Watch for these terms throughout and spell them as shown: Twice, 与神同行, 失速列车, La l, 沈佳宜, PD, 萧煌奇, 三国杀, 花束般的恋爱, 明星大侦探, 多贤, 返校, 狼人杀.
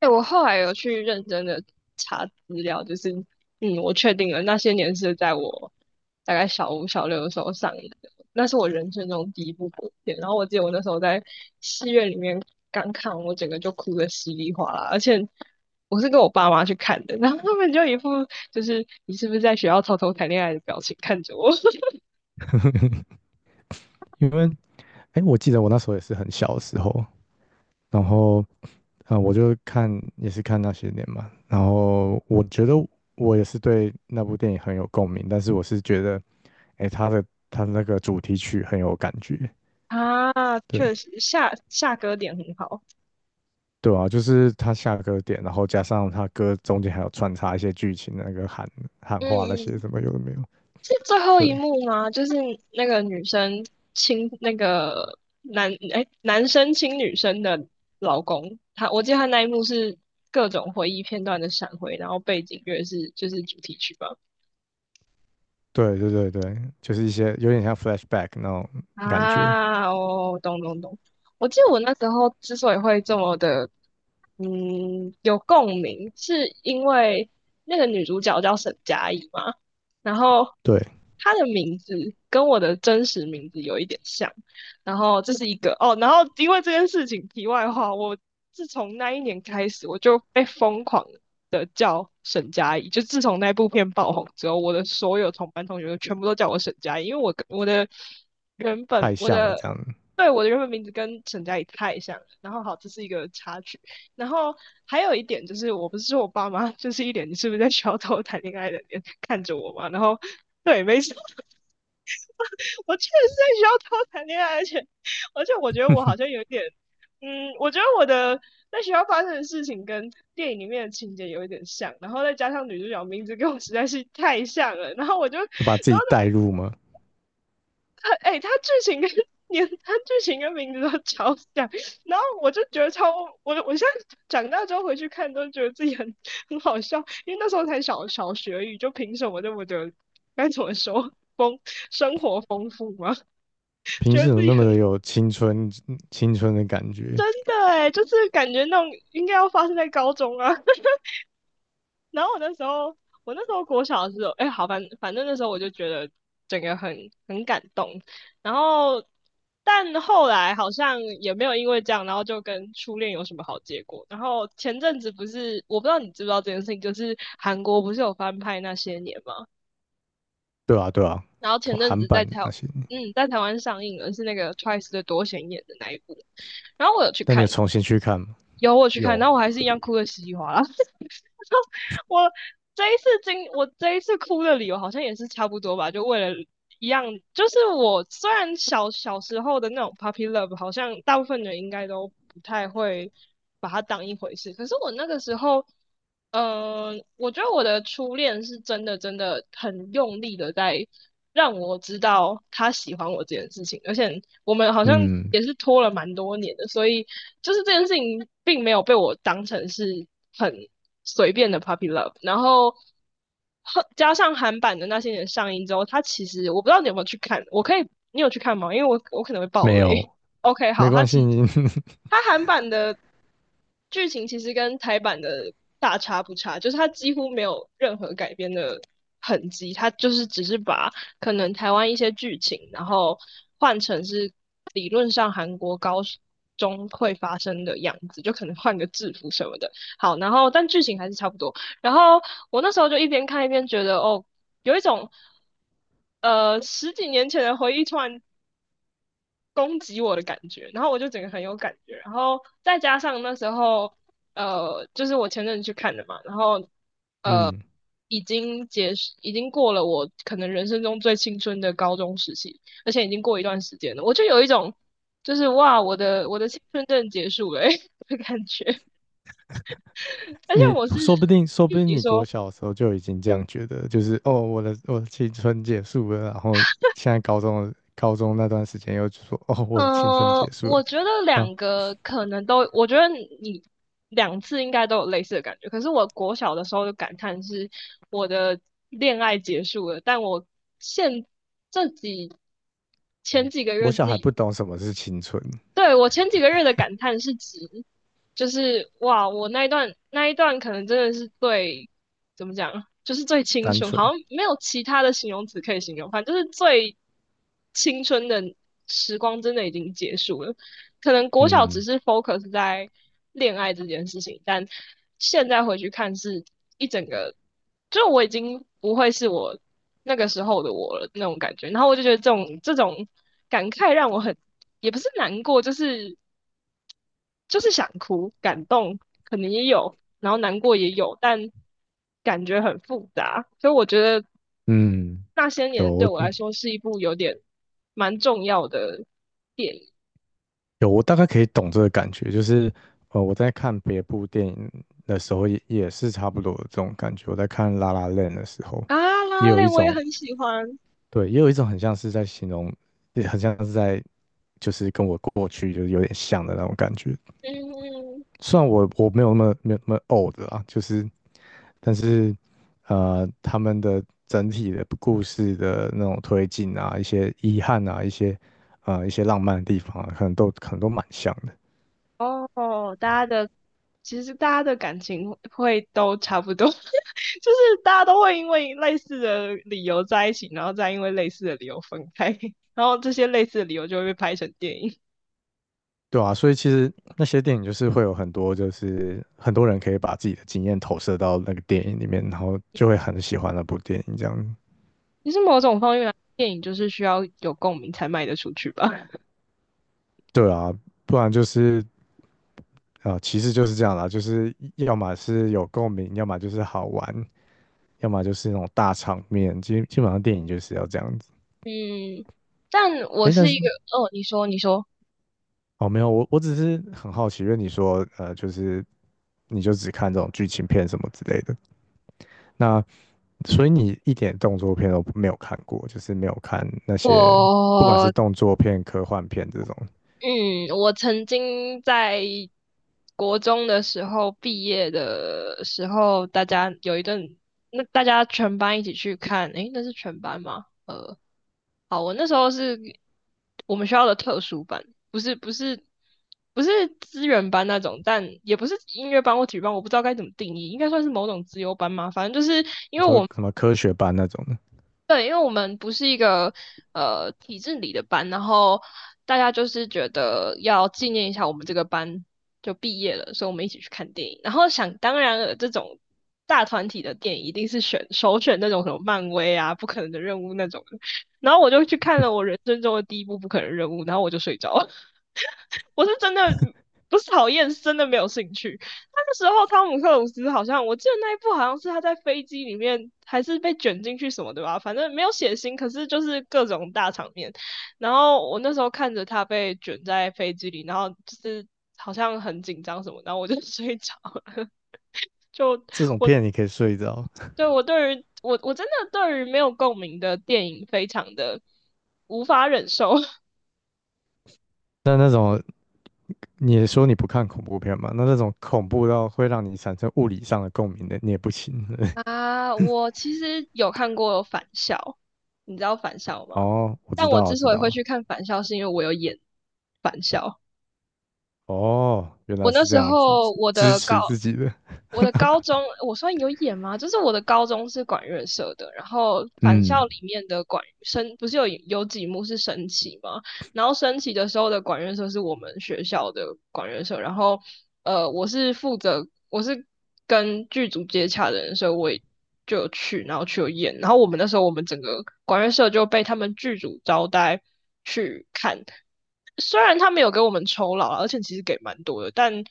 对，我后来有去认真的查资料，就是，我确定了那些年是在我大概小五、小六的时候上映的，那是我人生中第一部国片。然后我记得我那时候在戏院里面刚看，我整个就哭得稀里哗啦，而且我是跟我爸妈去看的，然后他们就一副就是你是不是在学校偷偷谈恋爱的表情看着我。 因为哎，我记得我那时候也是很小的时候，然后我就看也是看那些年嘛，然后我觉得我也是对那部电影很有共鸣，但是我是觉得哎，他的那个主题曲很有感觉，啊，对。确实下歌点很好。对啊，就是他下歌点，然后加上他歌中间还有穿插一些剧情，那个喊喊嗯话那些什嗯，么有的没有，是最后对一幕吗？就是那个女生亲那个男，哎，男生亲女生的老公。我记得他那一幕是各种回忆片段的闪回，然后背景乐就是主题曲吧。对对对，就是一些有点像 flashback 那种感觉，啊，哦，懂懂懂。我记得我那时候之所以会这么的，有共鸣，是因为那个女主角叫沈佳宜嘛。然后对，他的名字跟我的真实名字有一点像，然后这是一个哦，然后因为这件事情，题外话，我自从那一年开始，我就被疯狂的叫沈佳宜，就自从那部片爆红之后，我的所有同班同学全部都叫我沈佳宜，因为我跟我的原本太我像了的，这样子。对，我的原本名字跟沈佳宜太像了。然后好，这是一个插曲。然后还有一点就是，我不是说我爸妈就是一脸你是不是在学校偷谈恋爱的脸看着我嘛。然后对，没错，我确实是在学校偷谈恋爱。而且我觉得我好 像有一点，我觉得我的在学校发生的事情跟电影里面的情节有一点像，然后再加上女主角名字跟我实在是太像了，然后我就，就把自然己后代入嘛。哎，他剧情跟连它剧情跟名字都超像。然后我就觉得超，我现在长大之后回去看都觉得自己很好笑，因为那时候才小学而已，就凭什么这么的该怎么说生活丰富吗？平觉时得怎自么己那么很的有青春的感觉？真的哎，就是感觉那种应该要发生在高中啊。然后我那时候，我那时候国小的时候，哎，好，反正那时候我就觉得整个很感动。然后，但后来好像也没有因为这样，然后就跟初恋有什么好结果。然后前阵子不是，我不知道你知不知道这件事情，就是韩国不是有翻拍那些年吗？对啊，对啊，然后前阵韩子在版的台，那些。嗯，在台湾上映了，是那个 Twice 的多贤演的那一部。然后我有去但你有看，重新去看吗？有我有去看，有，然后我还是一样哭的稀里哗啦。我我这一次哭的理由好像也是差不多吧，就为了一样，就是我虽然小小时候的那种 puppy love，好像大部分人应该都不太会把它当一回事，可是我那个时候。我觉得我的初恋是真的真的很用力的在让我知道他喜欢我这件事情，而且我们好像嗯，也是拖了蛮多年的，所以就是这件事情并没有被我当成是很随便的 puppy love。然后加上韩版的那些年上映之后，他其实我不知道你有没有去看，我可以，你有去看吗？因为我可能会爆没雷。有，OK，没好，他关其系，实你，它韩版的剧情其实跟台版的大差不差，就是他几乎没有任何改编的很急，他就是只是把可能台湾一些剧情，然后换成是理论上韩国高中会发生的样子，就可能换个制服什么的。好，然后但剧情还是差不多。然后我那时候就一边看一边觉得，哦，有一种十几年前的回忆突然攻击我的感觉，然后我就整个很有感觉，然后再加上那时候就是我前阵子去看的嘛，然后呃，嗯，已经结束，已经过了我可能人生中最青春的高中时期，而且已经过一段时间了，我就有一种就是哇，我的我的青春正结束了、欸、的感觉。而且你我是。说不定，说就不定你你国说，小的时候就已经这样觉得，就是哦，我的青春结束了，然后现在高中那段时间又说哦，我的青春结束了，我觉得那两个可能都，我觉得你两次应该都有类似的感觉。可是我国小的时候的感叹是，我的恋爱结束了，但我现这几前哦，几个我月自小孩己，不懂什么是青春，对，我前几个月的感叹是指，就是哇，我那一段那一段可能真的是怎么讲，就是最青单春，纯，好像没有其他的形容词可以形容，反正就是最青春的时光真的已经结束了。可能国小只嗯是 focus 在恋爱这件事情，但现在回去看是一整个，就我已经不会是我那个时候的我了那种感觉。然后我就觉得这种感慨让我很，也不是难过，就是就是想哭，感动可能也有，然后难过也有，但感觉很复杂。所以我觉得嗯，那些年对有，我来说是一部有点蛮重要的电影。有，我大概可以懂这个感觉，就是呃，我在看别部电影的时候也，也是差不多的这种感觉。我在看《La l 的时候，啊，拉也拉有一链我也种很喜欢。对，也有一种很像是在形容，也很像是在就是跟我过去就是有点像的那种感觉。嗯，虽然我没有那么没有那么 old 啊，就是但是呃，他们的整体的故事的那种推进啊，一些遗憾啊，一些浪漫的地方啊，可能都可能都蛮像的。哦，大家的其实大家的感情会都差不多，就是大家都会因为类似的理由在一起，然后再因为类似的理由分开，然后这些类似的理由就会被拍成电影。对啊，所以其实那些电影就是会有很多，就是很多人可以把自己的经验投射到那个电影里面，然后就会很喜欢那部电影这样。其实某种方面来说电影就是需要有共鸣才卖得出去吧。对啊，不然就是其实就是这样啦，就是要么是有共鸣，要么就是好玩，要么就是那种大场面。基本上电影就是要这样子。嗯，但我诶，但是一是个，哦，你说，你说，哦，没有，我只是很好奇，因为你说呃，就是你就只看这种剧情片什么之类的。那所以你一点动作片都没有看过，就是没有看那些不管是我动作片、科幻片这种。嗯，我曾经在国中的时候毕业的时候，大家有一顿，那大家全班一起去看，诶，那是全班吗？好，我那时候是我们学校的特殊班，不是不是不是资源班那种，但也不是音乐班或体育班，我不知道该怎么定义，应该算是某种资优班嘛。反正就是因你为说我什么科学班那种的，对，因为我们不是一个体制里的班，然后大家就是觉得要纪念一下我们这个班就毕业了，所以我们一起去看电影。然后想当然了，这种大团体的电影一定是首选那种什么漫威啊、不可能的任务那种的，然后我就去看了我人生中的第一部不可能任务，然后我就睡着了。我是真的不是讨厌，是真的没有兴趣。那个时候汤姆克鲁斯好像，我记得那一部好像是他在飞机里面还是被卷进去什么对吧，反正没有血腥，可是就是各种大场面。然后我那时候看着他被卷在飞机里，然后就是好像很紧张什么，然后我就 睡着了。就这种我片你可以睡着。对我对于我真的对于没有共鸣的电影非常的无法忍受。那那种你也说你不看恐怖片嘛？那那种恐怖到会让你产生物理上的共鸣的，你也不行。啊，我其实有看过《返校》，你知道《返校》吗？哦，我但知我道，我之知所以会道。去看《返校》，是因为我有演《返校》。哦，原我来那是这时样子，候支我支的高持自己的，我的高中，我算有演吗？就是我的高中是管乐社的，然后《返校》嗯，里面的管升不是有几幕是升旗吗？然后升旗的时候的管乐社是我们学校的管乐社，然后我是跟剧组接洽的人，所以我也就有去，然后去有演，然后我们那时候我们整个管乐社就被他们剧组招待去看，虽然他们有给我们酬劳啊而且其实给蛮多的，但。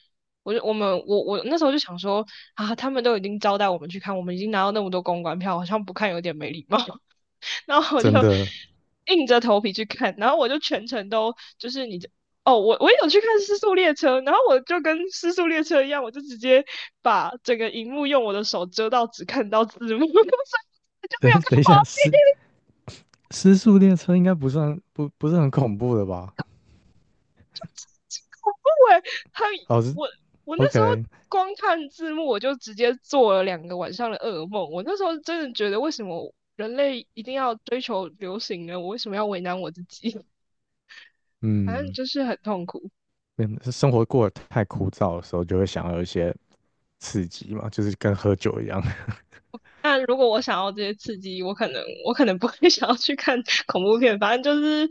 我就我们我我那时候就想说啊，他们都已经招待我们去看，我们已经拿到那么多公关票，好像不看有点没礼貌。然后我就 真的。硬着头皮去看，然后我就全程都就是哦，我也有去看《失速列车》，然后我就跟《失速列车》一样，我就直接把整个荧幕用我的手遮到，只看到字幕，所以我就没等有看等一画下，面。失因失速列车应该不算不是很恐怖的吧？为很哦，是 我我那时候 OK,光看字幕，我就直接做了两个晚上的噩梦。我那时候真的觉得，为什么人类一定要追求流行呢？我为什么要为难我自己？反正嗯，就是很痛苦。嗯是生活过得太枯燥的时候，就会想要有一些刺激嘛，就是跟喝酒一样。那如果我想要这些刺激，我可能不会 想要去看 恐怖片，反正就是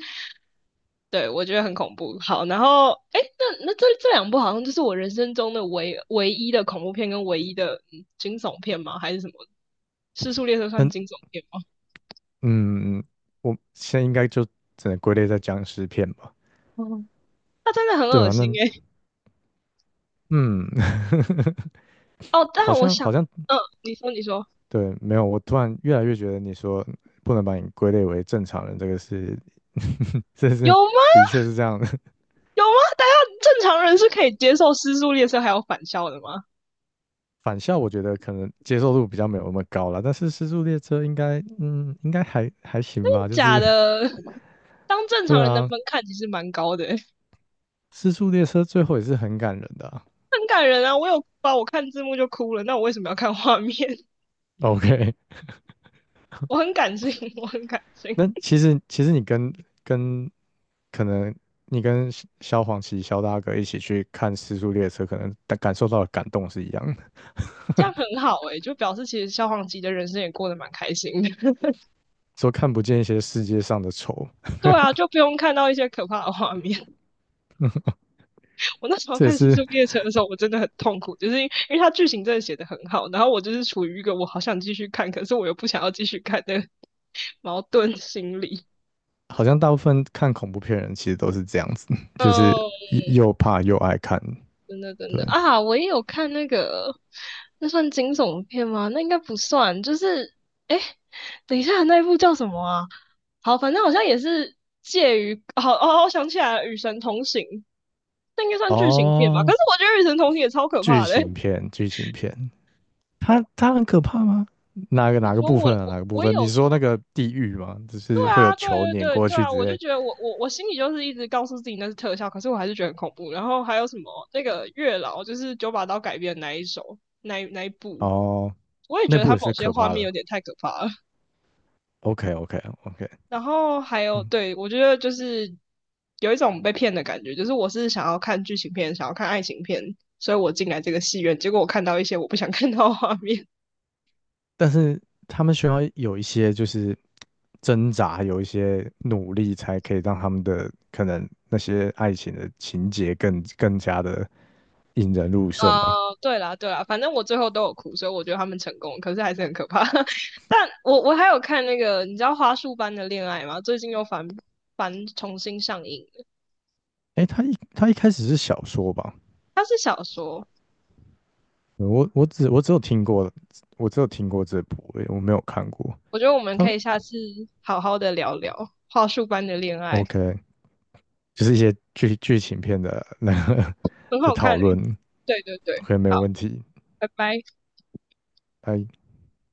对我觉得很恐怖。好，然后哎，诶那这两部好像就是我人生中的唯一的恐怖片跟唯一的惊悚片吗？还是什么？《失速列车》算那惊悚片吗？嗯，我现在应该就只能归类在僵尸片吧？嗯，它真的很对恶啊，那心诶、嗯，哦，但好我像想，好像嗯，你说对，没有，我突然越来越觉得你说不能把你归类为正常人，这个是，这有是吗？的确是这样的。有吗？大家正常人是可以接受失速列车还有返校的吗？返校我觉得可能接受度比较没有那么高了，但是《失速列车》应该，嗯，应该还行吧。就假是 的，当正对常人的啊，门槛其实蛮高的欸、《失速列车》最后也是很感人的啊 很感人啊！我有哭啊，我看字幕就哭了。那我为什么要看画面？OK,我很感性，我很感 性，那其实你跟跟可能你跟萧煌奇、萧大哥一起去看《失速列车》，可能感受到的感动是一样的，这样很好诶、欸就表示其实消防级的人生也过得蛮开心的。说看不见一些世界上的丑，对啊，就不用看到一些可怕的画面。我那时候这也看《失是速列车》的时候，我真的很痛苦，就是因为它剧情真的写得很好，然后我就是处于一个我好想继续看，可是我又不想要继续看的 矛盾心理。好像大部分看恐怖片人其实都是这样子，就是哦。又怕又爱看。真的真对，的啊，我也有看那个，那算惊悚片吗？那应该不算，就是哎，诶等一下，那一部叫什么啊？好，反正好像也是介于，好哦，我想起来了，《与神同行》，那应该算剧情片吧？可哦，是我觉得《与神同行》也超可剧怕的、欸情片，剧情片，它很可怕吗？哪个你哪个说部我分啊？我哪个部我分？你有，说那个地狱吗？就对是会有啊，对球对碾对过对去啊，之我就类。觉得我心里就是一直告诉自己那是特效，可是我还是觉得很恐怖。然后还有什么那个月老，就是九把刀改编的那一首，那一部。哦，我也那觉得部他也某是些可画怕面的。有点太可怕了。OK OK OK,然后还有，嗯，对，我觉得就是有一种被骗的感觉，就是我是想要看剧情片，想要看爱情片，所以我进来这个戏院，结果我看到一些我不想看到的画面。但是他们需要有一些就是挣扎，有一些努力，才可以让他们的可能那些爱情的情节更加的引人入胜啊、嘛。对啦，对啦，反正我最后都有哭，所以我觉得他们成功，可是还是很可怕。但我还有看那个，你知道《花束般的恋爱》吗？最近又翻重新上映了。哎，他一开始是小说吧？它是小说，我只有听过，我只有听过这部，诶我没有看过。我觉得我们他 可以下次好好的聊聊《花束般的恋爱》，OK,就是一些剧情片的那个 很 的好看。讨论。对对对，OK,没好，有问题。拜拜。哎，